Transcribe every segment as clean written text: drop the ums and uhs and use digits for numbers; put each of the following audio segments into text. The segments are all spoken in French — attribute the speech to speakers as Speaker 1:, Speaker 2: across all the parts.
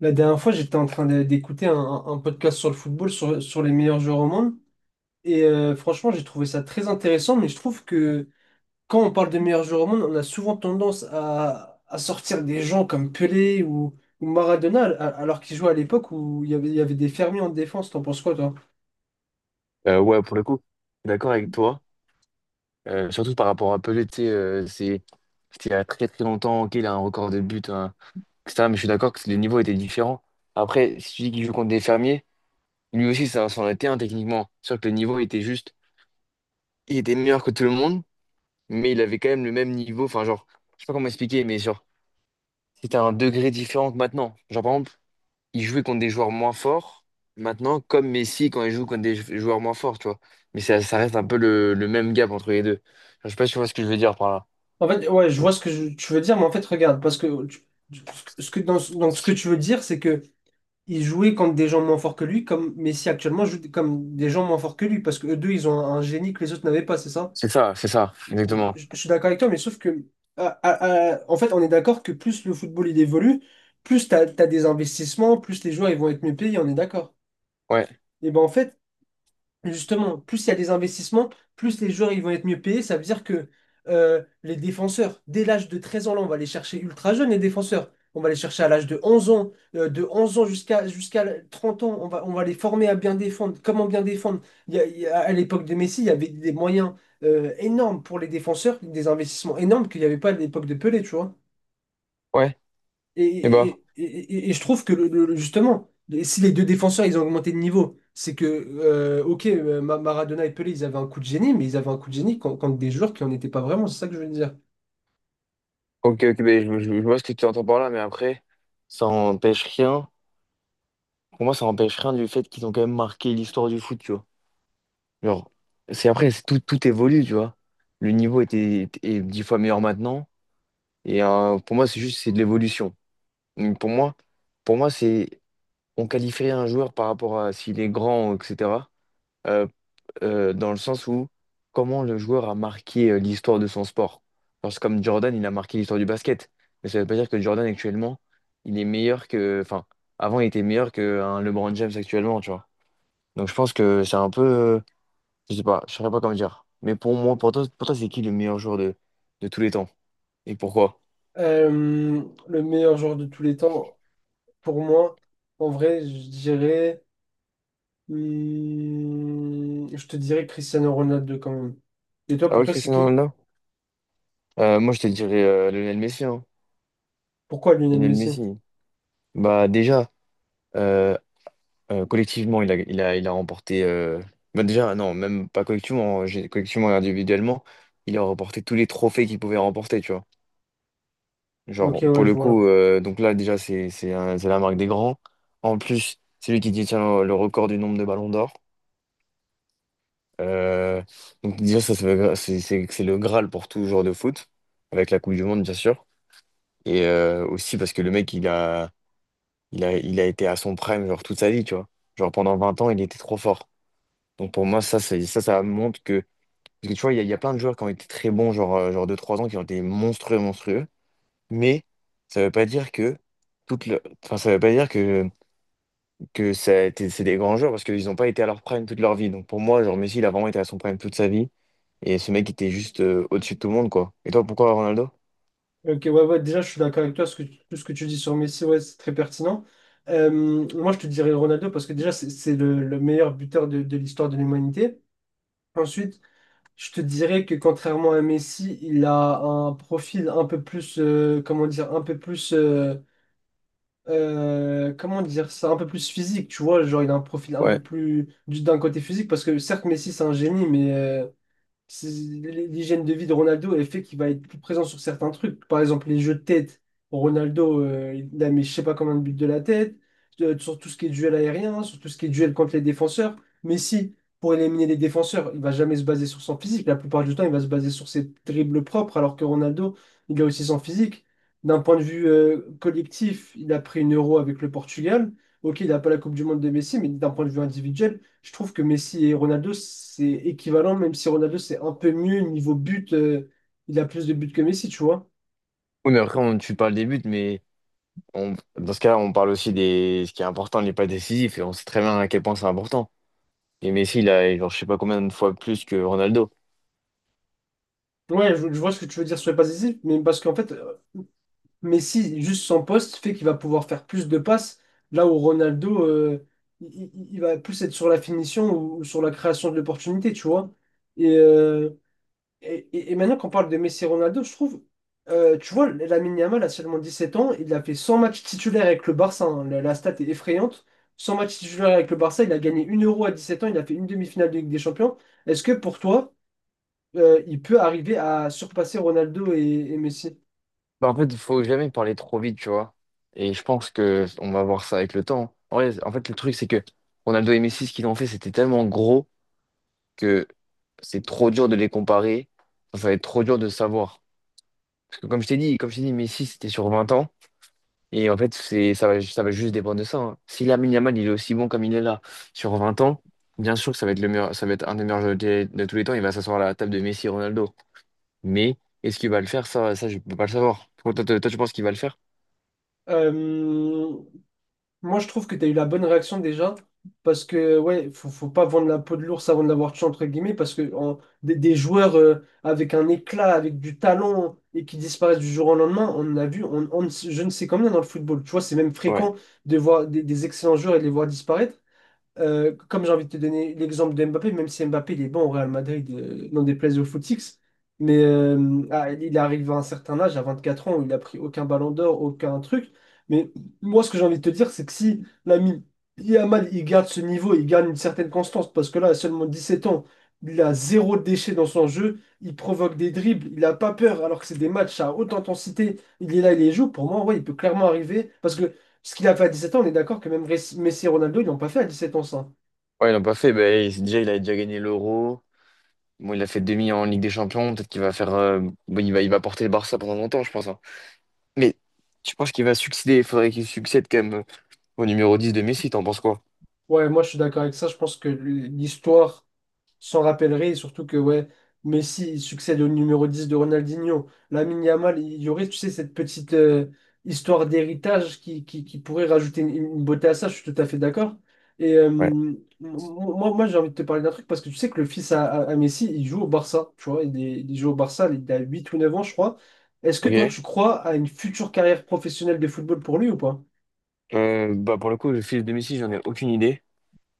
Speaker 1: La dernière fois, j'étais en train d'écouter un podcast sur le football, sur les meilleurs joueurs au monde. Franchement, j'ai trouvé ça très intéressant, mais je trouve que quand on parle de meilleurs joueurs au monde, on a souvent tendance à sortir des gens comme Pelé ou Maradona, alors qu'ils jouaient à l'époque où il y avait des fermiers en défense. T'en penses quoi, toi?
Speaker 2: Ouais, pour le coup, je suis d'accord avec toi. Surtout par rapport à Pelé, tu sais, c'était il y a très très longtemps qu'il a un record de buts, hein, etc. Mais je suis d'accord que le niveau était différent. Après, si tu dis qu'il joue contre des fermiers, lui aussi, ça s'en était un techniquement. C'est sûr que le niveau était juste. Il était meilleur que tout le monde, mais il avait quand même le même niveau. Enfin, genre, je sais pas comment expliquer, mais genre, c'était un degré différent que maintenant. Genre, par exemple, il jouait contre des joueurs moins forts. Maintenant, comme Messi quand il joue contre des joueurs moins forts, tu vois. Mais ça reste un peu le même gap entre les deux. Je sais pas si tu vois ce que je veux dire par là.
Speaker 1: En fait, ouais, je vois
Speaker 2: Donc,
Speaker 1: ce que tu veux dire, mais en fait, regarde, parce que tu- ce que, ce que tu veux dire, c'est que il jouait contre des gens moins forts que lui, comme Messi actuellement joue comme des gens moins forts que lui, parce que eux deux, ils ont un génie que les autres n'avaient pas, c'est ça?
Speaker 2: c'est ça, c'est ça, exactement.
Speaker 1: Je suis d'accord avec toi, mais sauf que, en fait, on est d'accord que plus le football il évolue, plus t'as des investissements, plus les joueurs ils vont être mieux payés, on est d'accord.
Speaker 2: Ouais,
Speaker 1: Et ben en fait, justement, plus il y a des investissements, plus les joueurs ils vont être mieux payés. Ça veut dire que les défenseurs, dès l'âge de 13 ans, là, on va les chercher ultra jeunes, les défenseurs. On va les chercher à l'âge de 11 ans, de 11 ans jusqu'à 30 ans. On va les former à bien défendre. Comment bien défendre? À l'époque de Messi, il y avait des moyens énormes pour les défenseurs, des investissements énormes qu'il n'y avait pas à l'époque de Pelé, tu vois.
Speaker 2: ouais.
Speaker 1: Et,
Speaker 2: Et
Speaker 1: et-
Speaker 2: bah,
Speaker 1: et- et je trouve que justement, si les deux défenseurs ils ont augmenté de niveau, c'est que, ok, Maradona et Pelé, ils avaient un coup de génie, mais ils avaient un coup de génie contre des joueurs qui n'en étaient pas vraiment, c'est ça que je veux dire.
Speaker 2: ok, ok, ben, je vois ce que tu entends par là, mais après, ça empêche rien. Pour moi, ça empêche rien du fait qu'ils ont quand même marqué l'histoire du foot, tu vois. Genre, c'est après, c'est tout, tout évolue, tu vois. Le niveau est dix fois meilleur maintenant. Pour moi, c'est juste, c'est de l'évolution. Donc, pour moi, c'est on qualifierait un joueur par rapport à s'il est grand, etc. euh, dans le sens où comment le joueur a marqué l'histoire de son sport. Genre, c'est comme Jordan, il a marqué l'histoire du basket. Mais ça ne veut pas dire que Jordan actuellement, il est meilleur que. Enfin, avant, il était meilleur qu'un LeBron James actuellement, tu vois. Donc je pense que c'est un peu. Je sais pas, je saurais pas comment dire. Mais pour moi, pour toi, c'est qui le meilleur joueur de tous les temps? Et pourquoi?
Speaker 1: Euh, le meilleur joueur de tous les temps, pour moi, en vrai, je dirais, hmm, je te dirais Cristiano Ronaldo quand même. Et toi,
Speaker 2: Ah
Speaker 1: pour
Speaker 2: ouais,
Speaker 1: toi, c'est
Speaker 2: Cristiano
Speaker 1: qui?
Speaker 2: Ronaldo? Moi, je te dirais Lionel Messi, hein.
Speaker 1: Pourquoi Lionel
Speaker 2: Lionel Messi.
Speaker 1: Messi?
Speaker 2: Bah déjà. euh, collectivement, il a remporté. Bah déjà, non, même pas collectivement, hein, collectivement et individuellement, il a remporté tous les trophées qu'il pouvait remporter, tu vois.
Speaker 1: Ok,
Speaker 2: Genre,
Speaker 1: ouais,
Speaker 2: pour
Speaker 1: je
Speaker 2: le
Speaker 1: vois.
Speaker 2: coup, donc là, déjà, c'est la marque des grands. En plus, c'est lui qui détient le record du nombre de ballons d'or. Euh, donc, déjà, ça veut- c'est le Graal pour tout joueur de foot, avec la Coupe du Monde, bien sûr. Aussi parce que le mec, il a été à son prime, genre, toute sa vie, tu vois. Genre, pendant 20 ans, il était trop fort. Donc pour moi, ça montre que. Parce que tu vois, il y a plein de joueurs qui ont été très bons, genre, genre deux trois ans, qui ont été monstrueux, monstrueux. Mais ça veut pas dire que. Toute le... enfin, ça veut pas dire que, c'est des grands joueurs parce qu'ils n'ont pas été à leur prime toute leur vie. Donc pour moi, genre Messi, il a vraiment été à son prime toute sa vie. Et ce mec était juste au-dessus de tout le monde, quoi. Et toi, pourquoi Ronaldo?
Speaker 1: Ok, ouais, ouais, déjà, je suis d'accord avec toi. Ce que, tout ce que tu dis sur Messi, ouais, c'est très pertinent. Moi, je te dirais Ronaldo parce que déjà, c'est le meilleur buteur de l'histoire de l'humanité. Ensuite, je te dirais que contrairement à Messi, il a un profil un peu plus, comment dire, un peu plus comment dire ça, un peu plus physique, tu vois, genre il a un profil un peu
Speaker 2: Ouais.
Speaker 1: plus d'un côté physique, parce que certes Messi c'est un génie, mais l'hygiène de vie de Ronaldo, elle fait qu'il va être plus présent sur certains trucs. Par exemple, les jeux de tête. Ronaldo, il a mis je sais pas combien de buts de la tête, sur tout ce qui est duel aérien, sur tout ce qui est duel contre les défenseurs. Mais si, pour éliminer les défenseurs, il va jamais se baser sur son physique. La plupart du temps, il va se baser sur ses dribbles propres, alors que Ronaldo, il a aussi son physique. D'un point de vue collectif, il a pris une euro avec le Portugal. Ok, il n'a pas la Coupe du Monde de Messi, mais d'un point de vue individuel, je trouve que Messi et Ronaldo, c'est équivalent, même si Ronaldo, c'est un peu mieux niveau but. Il a plus de buts que Messi, tu vois.
Speaker 2: Oui, mais après, on, tu parles des buts, mais dans ce cas-là, on parle aussi des ce qui est important n'est pas décisif. Et on sait très bien à quel point c'est important. Et Messi, il a, genre, je sais pas combien de fois plus que Ronaldo.
Speaker 1: Ouais, je vois ce que tu veux dire sur les passes décisives, mais parce qu'en fait, Messi, juste son poste, fait qu'il va pouvoir faire plus de passes, là où Ronaldo, il va plus être sur la finition ou sur la création de l'opportunité, tu vois. Et, euh, et maintenant qu'on parle de Messi et Ronaldo, je trouve, tu vois, Lamine Yamal a seulement 17 ans, il a fait 100 matchs titulaires avec le Barça, hein. La stat est effrayante. 100 matchs titulaires avec le Barça, il a gagné une Euro à 17 ans, il a fait une demi-finale de Ligue des Champions. Est-ce que pour toi, il peut arriver à surpasser Ronaldo et Messi?
Speaker 2: Bah, en fait, il faut jamais parler trop vite, tu vois. Et je pense que on va voir ça avec le temps. En vrai, en fait, le truc, c'est que Ronaldo et Messi, ce qu'ils ont fait, c'était tellement gros que c'est trop dur de les comparer. Enfin, ça va être trop dur de savoir. Parce que comme je t'ai dit, Messi, c'était sur 20 ans. Et en fait, ça va juste dépendre de ça. Hein. Si Lamine Yamal, il est aussi bon comme il est là sur 20 ans, bien sûr que ça va être un des meilleurs joueurs de tous les temps. Il va s'asseoir à la table de Messi et Ronaldo. Mais est-ce qu'il va le faire? Ça, je peux pas le savoir. Toi, toi, tu penses qu'il va le faire?
Speaker 1: Euh, Moi, je trouve que tu as eu la bonne réaction déjà, parce que, ouais, faut pas vendre la peau de l'ours avant de l'avoir tué, entre guillemets, parce que des, joueurs avec un éclat, avec du talent, et qui disparaissent du jour au lendemain, on en a vu, on ne je ne sais combien dans le football. Tu vois, c'est même
Speaker 2: Ouais.
Speaker 1: fréquent de voir des excellents joueurs et de les voir disparaître. Comme j'ai envie de te donner l'exemple de Mbappé, même si Mbappé il est bon au Real Madrid, n'en déplaise au footix, mais il arrive à un certain âge, à 24 ans, où il a pris aucun ballon d'or, aucun truc. Mais moi, ce que j'ai envie de te dire, c'est que si l'ami Yamal il garde ce niveau, il garde une certaine constance, parce que là, à seulement 17 ans, il a zéro déchet dans son jeu, il provoque des dribbles, il n'a pas peur, alors que c'est des matchs à haute intensité, il est là, il les joue. Pour moi, ouais, il peut clairement arriver, parce que ce qu'il a fait à 17 ans, on est d'accord que même Messi et Ronaldo, ils l'ont pas fait à 17 ans, ça.
Speaker 2: Ouais, ils l'ont pas fait. Ben, déjà, il a déjà gagné l'Euro. Bon, il a fait demi en Ligue des Champions. Peut-être qu'il va faire. Bon, il va porter le Barça pendant longtemps, je pense. Hein. Mais tu penses qu'il va succéder? Il faudrait qu'il succède quand même au numéro 10 de Messi. T'en penses quoi?
Speaker 1: Ouais, moi je suis d'accord avec ça. Je pense que l'histoire s'en rappellerait, et surtout que ouais, Messi il succède au numéro 10 de Ronaldinho. Lamine Yamal, il y aurait, tu sais, cette petite histoire d'héritage qui pourrait rajouter une beauté à ça, je suis tout à fait d'accord.
Speaker 2: Ouais.
Speaker 1: Moi, j'ai envie de te parler d'un truc parce que tu sais que le fils à Messi, il joue au Barça, tu vois, il joue au Barça, il a 8 ou 9 ans, je crois. Est-ce que toi,
Speaker 2: Ok.
Speaker 1: tu crois à une future carrière professionnelle de football pour lui ou pas?
Speaker 2: Bah, pour le coup, le fils de Messi, j'en ai aucune idée.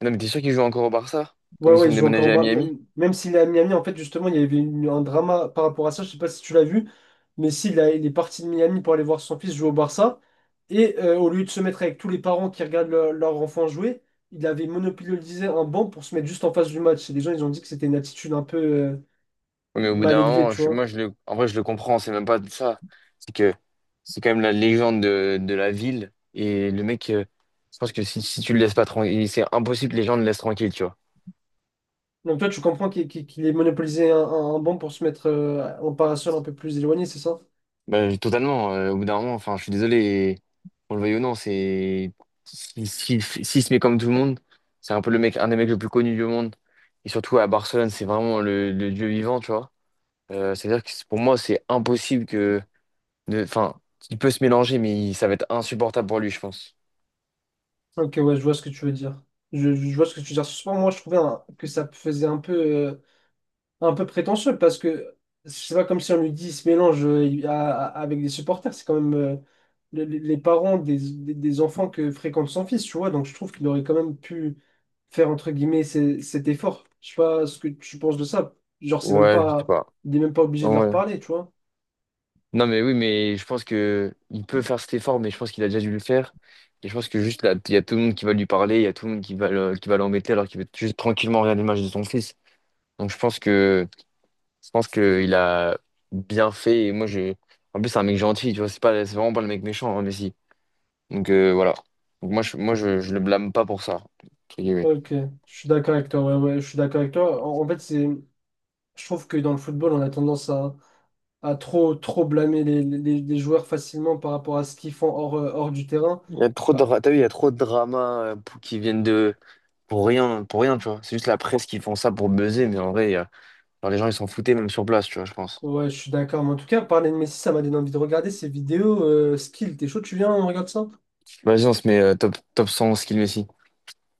Speaker 2: Ah non, mais t'es sûr qu'il joue encore au Barça?
Speaker 1: Ouais,
Speaker 2: Comme ils
Speaker 1: ouais,
Speaker 2: sont
Speaker 1: il joue encore en
Speaker 2: déménagés à
Speaker 1: bas.
Speaker 2: Miami?
Speaker 1: Même s'il est à Miami, en fait, justement, il y avait un drama par rapport à ça. Je sais pas si tu l'as vu, mais il est parti de Miami pour aller voir son fils jouer au Barça. Et au lieu de se mettre avec tous les parents qui regardent leur enfant jouer, il avait monopolisé un banc pour se mettre juste en face du match. Et les gens, ils ont dit que c'était une attitude un peu
Speaker 2: Oui, mais au bout
Speaker 1: mal
Speaker 2: d'un
Speaker 1: élevée,
Speaker 2: moment,
Speaker 1: tu vois.
Speaker 2: moi, en vrai, je le comprends, c'est même pas de ça. C'est que c'est quand même la légende de la ville. Et le mec, je pense que si tu le laisses pas tranquille, c'est impossible que les gens le laissent tranquille, tu vois.
Speaker 1: Donc toi, tu comprends qu'il ait monopolisé un banc pour se mettre en parasol un peu plus éloigné, c'est ça?
Speaker 2: Bah, totalement, au bout d'un moment, enfin, je suis désolé, et on le veuille ou non, c'est. S'il si- si- S'il se met comme tout le monde, c'est un peu le mec, un des mecs le plus connu du monde. Et surtout à Barcelone, c'est vraiment le dieu vivant, tu vois. C'est-à-dire que c'est- pour moi, c'est impossible que. De- Enfin, il peut se mélanger, mais ça va être insupportable pour lui, je pense.
Speaker 1: Ok, ouais, je vois ce que tu veux dire. Je vois ce que tu veux dire. Souvent, moi, je trouvais que ça faisait un peu. Un peu prétentieux parce que c'est pas comme si on lui dit il se mélange avec des supporters, c'est quand même les parents des, des enfants que fréquente son fils, tu vois, donc je trouve qu'il aurait quand même pu faire entre guillemets cet effort. Je sais pas ce que tu penses de ça. Genre, c'est même
Speaker 2: Ouais, je sais
Speaker 1: pas,
Speaker 2: pas.
Speaker 1: il est même pas obligé de leur
Speaker 2: Ouais.
Speaker 1: parler, tu vois.
Speaker 2: Non, mais oui, mais je pense que il peut faire cet effort, mais je pense qu'il a déjà dû le faire. Et je pense que juste là, il y a tout le monde qui va lui parler, il y a tout le monde qui va qui va l'embêter alors qu'il veut juste tranquillement regarder le match de son fils. Donc je pense que il a bien fait. Et moi, je en plus c'est un mec gentil, tu vois, c'est vraiment pas le mec méchant, hein, Messi. Donc voilà. Donc moi, je le blâme pas pour ça. Entre guillemets.
Speaker 1: Ok, je suis d'accord avec toi. Ouais, ouais, je suis d'accord avec toi. En fait, c'est, je trouve que dans le football, on a tendance à trop blâmer les, les joueurs facilement par rapport à ce qu'ils font hors, hors du terrain.
Speaker 2: Il y a trop de,
Speaker 1: Ah,
Speaker 2: t'as vu, il y a trop de dramas pour- qui viennent de... pour rien, tu vois. C'est juste la presse qui font ça pour buzzer, mais en vrai, genre, les gens, ils s'en foutaient même sur place, tu vois, je pense.
Speaker 1: ouais, je suis d'accord. Mais en tout cas, parler de Messi, ça m'a donné envie de regarder ses vidéos skill. T'es chaud, tu viens, on regarde ça?
Speaker 2: Vas-y, on se met top 100 skill Messi.